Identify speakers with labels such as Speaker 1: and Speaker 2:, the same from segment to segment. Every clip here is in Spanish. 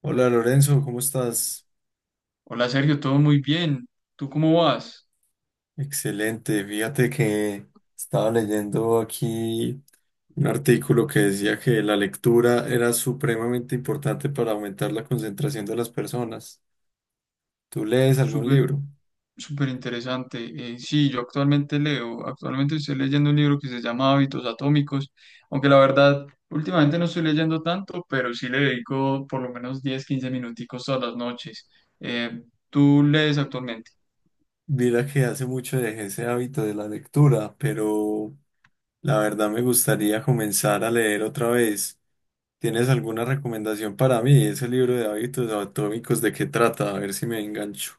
Speaker 1: Hola Lorenzo, ¿cómo estás?
Speaker 2: Hola Sergio, todo muy bien. ¿Tú cómo vas?
Speaker 1: Excelente. Fíjate que estaba leyendo aquí un artículo que decía que la lectura era supremamente importante para aumentar la concentración de las personas. ¿Tú lees algún
Speaker 2: Súper,
Speaker 1: libro?
Speaker 2: súper interesante. Sí, yo actualmente estoy leyendo un libro que se llama Hábitos Atómicos, aunque la verdad, últimamente no estoy leyendo tanto, pero sí le dedico por lo menos 10, 15 minuticos todas las noches. Eh, ¿Tú lees actualmente?
Speaker 1: Mira que hace mucho dejé ese hábito de la lectura, pero la verdad me gustaría comenzar a leer otra vez. ¿Tienes alguna recomendación para mí? Ese libro de hábitos atómicos, ¿de qué trata? A ver si me engancho.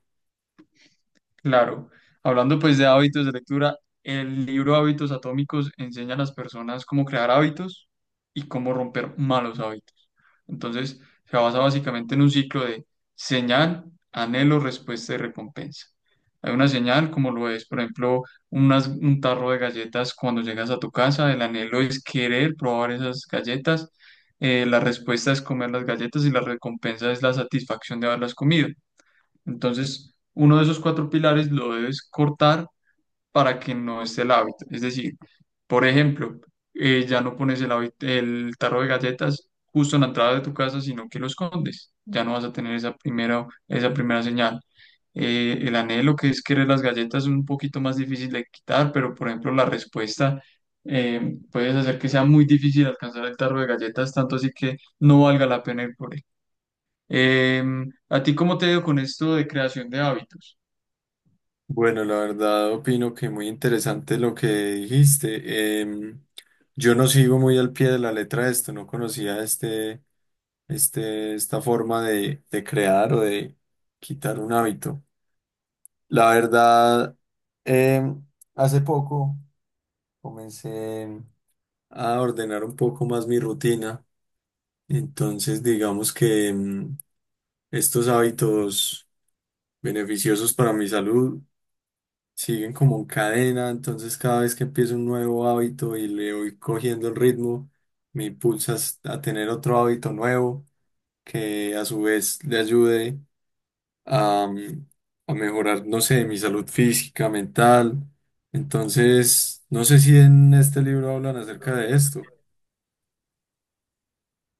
Speaker 2: Claro, hablando pues de hábitos de lectura, el libro Hábitos Atómicos enseña a las personas cómo crear hábitos y cómo romper malos hábitos. Entonces, se basa básicamente en un ciclo de señal, anhelo, respuesta y recompensa. Hay una señal, como lo es, por ejemplo, un tarro de galletas cuando llegas a tu casa, el anhelo es querer probar esas galletas, la respuesta es comer las galletas y la recompensa es la satisfacción de haberlas comido. Entonces, uno de esos cuatro pilares lo debes cortar para que no esté el hábito. Es decir, por ejemplo, ya no pones el tarro de galletas justo en la entrada de tu casa, sino que lo escondes. Ya no vas a tener esa primera señal. El anhelo que es querer las galletas es un poquito más difícil de quitar, pero por ejemplo, la respuesta puedes hacer que sea muy difícil alcanzar el tarro de galletas, tanto así que no valga la pena ir por él. ¿A ti cómo te ha ido con esto de creación de hábitos?
Speaker 1: Bueno, la verdad opino que muy interesante lo que dijiste. Yo no sigo muy al pie de la letra esto, no conocía este, esta forma de crear o de quitar un hábito. La verdad, em, hace poco comencé a ordenar un poco más mi rutina, entonces digamos que estos hábitos beneficiosos para mi salud siguen como en cadena, entonces cada vez que empiezo un nuevo hábito y le voy cogiendo el ritmo, me impulsa a tener otro hábito nuevo que a su vez le ayude a, mm, a mejorar, no sé, mi salud física, mental. Entonces, no sé si en este libro hablan acerca de esto.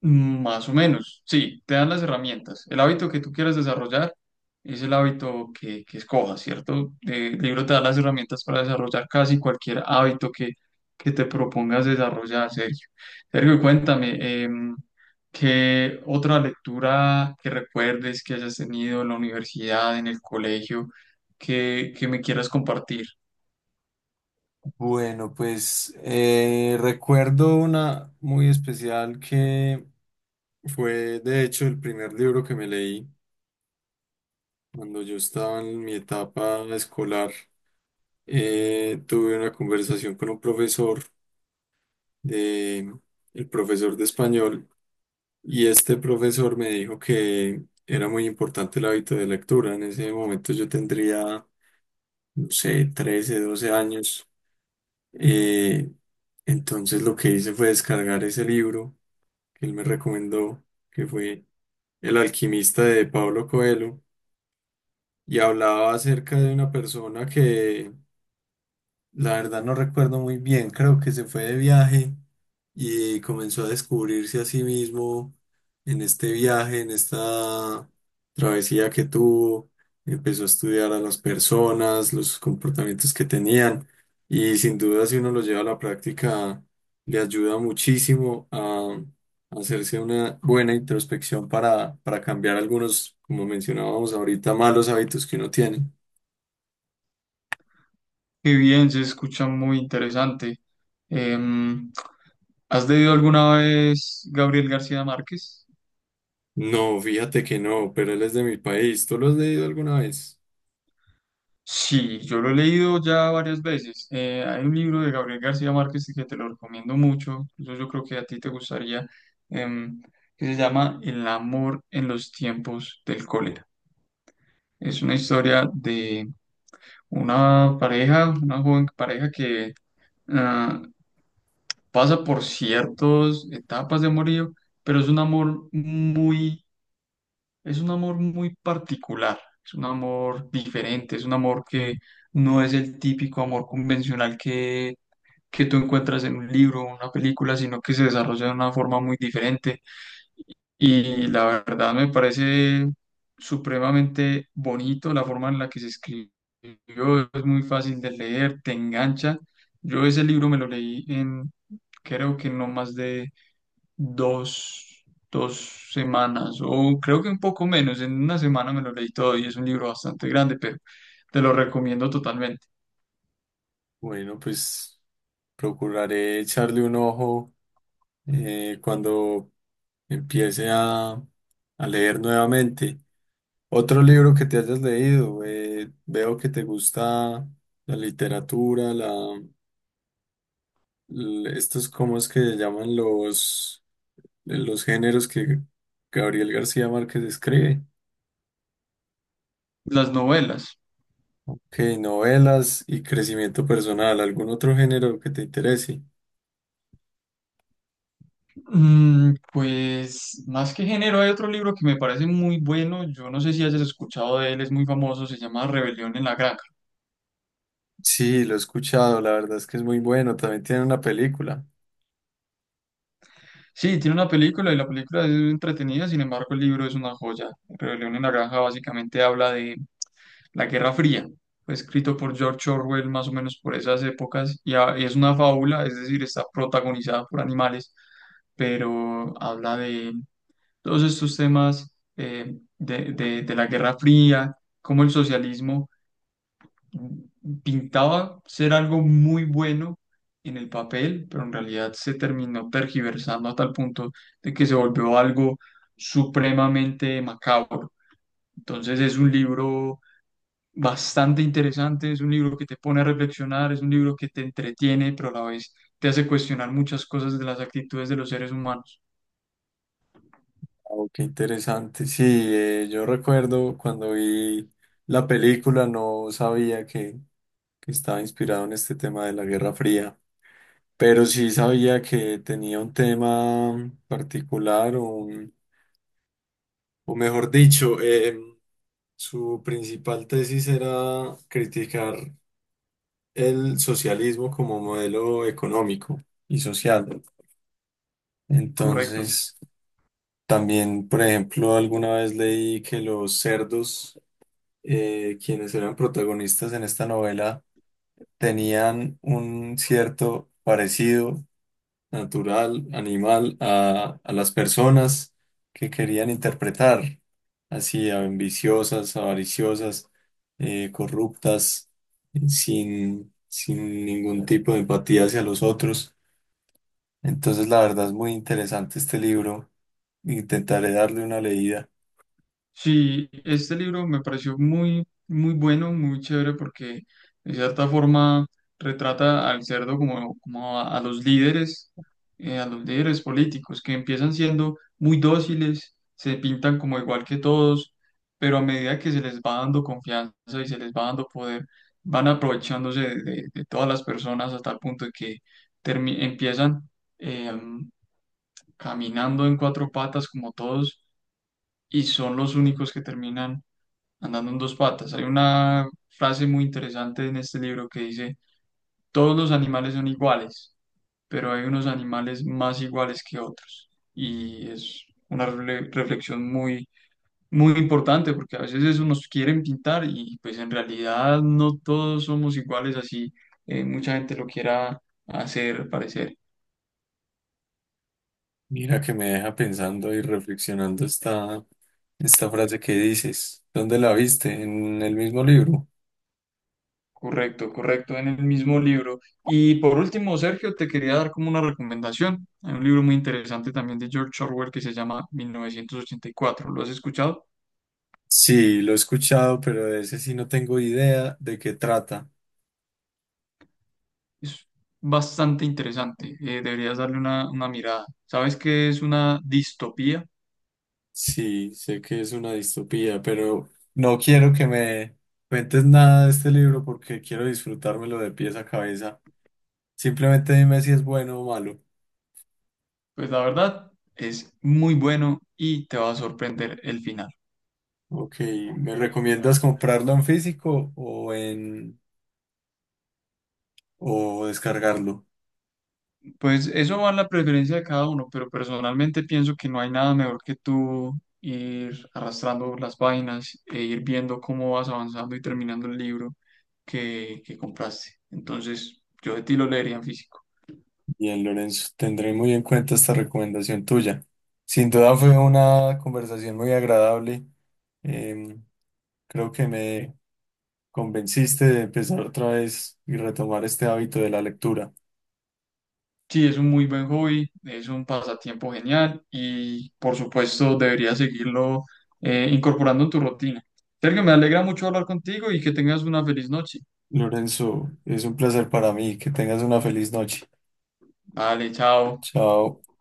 Speaker 2: Más o menos, sí, te dan las herramientas. El hábito que tú quieras desarrollar es el hábito que escojas, ¿cierto? El libro te da las herramientas para desarrollar casi cualquier hábito que te propongas desarrollar, Sergio. Sergio, cuéntame, ¿qué otra lectura que recuerdes que hayas tenido en la universidad, en el colegio, que me quieras compartir?
Speaker 1: Bueno, pues recuerdo una muy especial que fue de hecho el primer libro que me leí. Cuando yo estaba en mi etapa escolar, tuve una conversación con un profesor de, el profesor de español, y este profesor me dijo que era muy importante el hábito de lectura. En ese momento yo tendría, no sé, 13 12 años. Eh, entonces lo que hice fue descargar ese libro que él me recomendó, que fue El alquimista de Pablo Coelho, y hablaba acerca de una persona que. La verdad no recuerdo muy bien, creo que se fue de viaje y comenzó a descubrirse a sí mismo en este viaje, en esta travesía que tuvo, empezó a estudiar a las personas, los comportamientos que tenían y sin duda si uno lo lleva a la práctica le ayuda muchísimo a hacerse una buena introspección para cambiar algunos, como mencionábamos ahorita, malos hábitos que uno tiene.
Speaker 2: Qué bien, se escucha muy interesante. Em, ¿Has leído alguna vez Gabriel García Márquez?
Speaker 1: No, fíjate que no, pero él es de mi país. ¿Tú lo has leído alguna vez?
Speaker 2: Sí, yo lo he leído ya varias veces. Hay un libro de Gabriel García Márquez que te lo recomiendo mucho, incluso yo creo que a ti te gustaría, em, que se llama El amor en los tiempos del cólera. Es una historia de una joven pareja que ah, pasa por ciertas etapas de amorío, pero es un amor muy particular, es un amor diferente, es un amor que no es el típico amor convencional que tú encuentras en un libro o una película, sino que se desarrolla de una forma muy diferente. Y la verdad me parece supremamente bonito la forma en la que se escribió, es muy fácil de leer, te engancha. Yo ese libro me lo leí en, creo que no más de dos, dos semanas, o creo que un poco menos, en una semana me lo leí todo y es un libro bastante grande, pero te lo recomiendo totalmente.
Speaker 1: Bueno, pues procuraré echarle un ojo cuando empiece a leer nuevamente. Otro libro que te hayas leído, veo que te gusta la literatura, estos, ¿cómo es que se llaman los géneros que Gabriel García Márquez escribe?
Speaker 2: Las novelas.
Speaker 1: Ok, novelas y crecimiento personal, ¿algún otro género que te interese?
Speaker 2: Pues más que género, hay otro libro que me parece muy bueno. Yo no sé si hayas escuchado de él, es muy famoso, se llama Rebelión en la Granja.
Speaker 1: Sí, lo he escuchado, la verdad es que es muy bueno, también tiene una película.
Speaker 2: Sí, tiene una película y la película es entretenida, sin embargo, el libro es una joya. Rebelión en la Granja básicamente habla de la Guerra Fría. Fue escrito por George Orwell más o menos por esas épocas y, y es una fábula, es decir, está protagonizada por animales, pero habla de todos estos temas de la Guerra Fría, cómo el socialismo pintaba ser algo muy bueno en el papel, pero en realidad se terminó tergiversando a tal punto de que se volvió algo supremamente macabro. Entonces es un libro bastante interesante, es un libro que te pone a reflexionar, es un libro que te entretiene, pero a la vez te hace cuestionar muchas cosas de las actitudes de los seres humanos.
Speaker 1: Oh, qué interesante. Sí, yo recuerdo cuando vi la película no sabía que estaba inspirado en este tema de la Guerra Fría, pero sí sabía que tenía un tema particular, o, o mejor dicho, su principal tesis era criticar el socialismo como modelo económico y social.
Speaker 2: Correcto.
Speaker 1: Entonces, también, por ejemplo, alguna vez leí que los cerdos, quienes eran protagonistas en esta novela, tenían un cierto parecido natural, animal, a las personas que querían interpretar, así, ambiciosas, avariciosas, corruptas sin ningún tipo de empatía hacia los otros. Entonces, la verdad es muy interesante este libro. Intentaré darle una leída.
Speaker 2: Sí, este libro me pareció muy, muy bueno, muy chévere porque de cierta forma retrata al cerdo como a los líderes políticos que empiezan siendo muy dóciles, se pintan como igual que todos, pero a medida que se les va dando confianza y se les va dando poder, van aprovechándose de, de todas las personas hasta el punto de que empiezan eh, caminando en cuatro patas como todos y son los únicos que terminan andando en dos patas. Hay una frase muy interesante en este libro que dice, todos los animales son iguales, pero hay unos animales más iguales que otros. Y es una reflexión muy, muy importante porque a veces eso nos quieren pintar y pues en realidad no todos somos iguales así. Mucha gente lo quiera hacer parecer.
Speaker 1: Mira que me deja pensando y reflexionando esta, esta frase que dices. ¿Dónde la viste? ¿En el mismo libro?
Speaker 2: Correcto, correcto, en el mismo libro. Y por último, Sergio, te quería dar como una recomendación. Hay un libro muy interesante también de George Orwell que se llama 1984. ¿Lo has escuchado?
Speaker 1: Sí, lo he escuchado, pero de ese sí no tengo idea de qué trata.
Speaker 2: Es bastante interesante. Deberías darle una mirada. ¿Sabes qué es una distopía?
Speaker 1: Sí, sé que es una distopía, pero no quiero que me cuentes nada de este libro porque quiero disfrutármelo de pies a cabeza. Simplemente dime si es bueno o malo.
Speaker 2: Pues la verdad es muy bueno y te va a sorprender el final.
Speaker 1: Ok, ¿me recomiendas comprarlo en físico o en o descargarlo?
Speaker 2: Pues eso va en la preferencia de cada uno, pero personalmente pienso que no hay nada mejor que tú ir arrastrando las vainas e ir viendo cómo vas avanzando y terminando el libro que compraste. Entonces, yo de ti lo leería en físico.
Speaker 1: Bien, Lorenzo, tendré muy en cuenta esta recomendación tuya. Sin duda fue una conversación muy agradable. Em, Creo que me convenciste de empezar otra vez y retomar este hábito de la lectura.
Speaker 2: Sí, es un muy buen hobby, es un pasatiempo genial y por supuesto deberías seguirlo incorporando en tu rutina. Sergio, me alegra mucho hablar contigo y que tengas una feliz noche.
Speaker 1: Lorenzo, es un placer para mí. Que tengas una feliz noche.
Speaker 2: Vale, chao.
Speaker 1: Chao.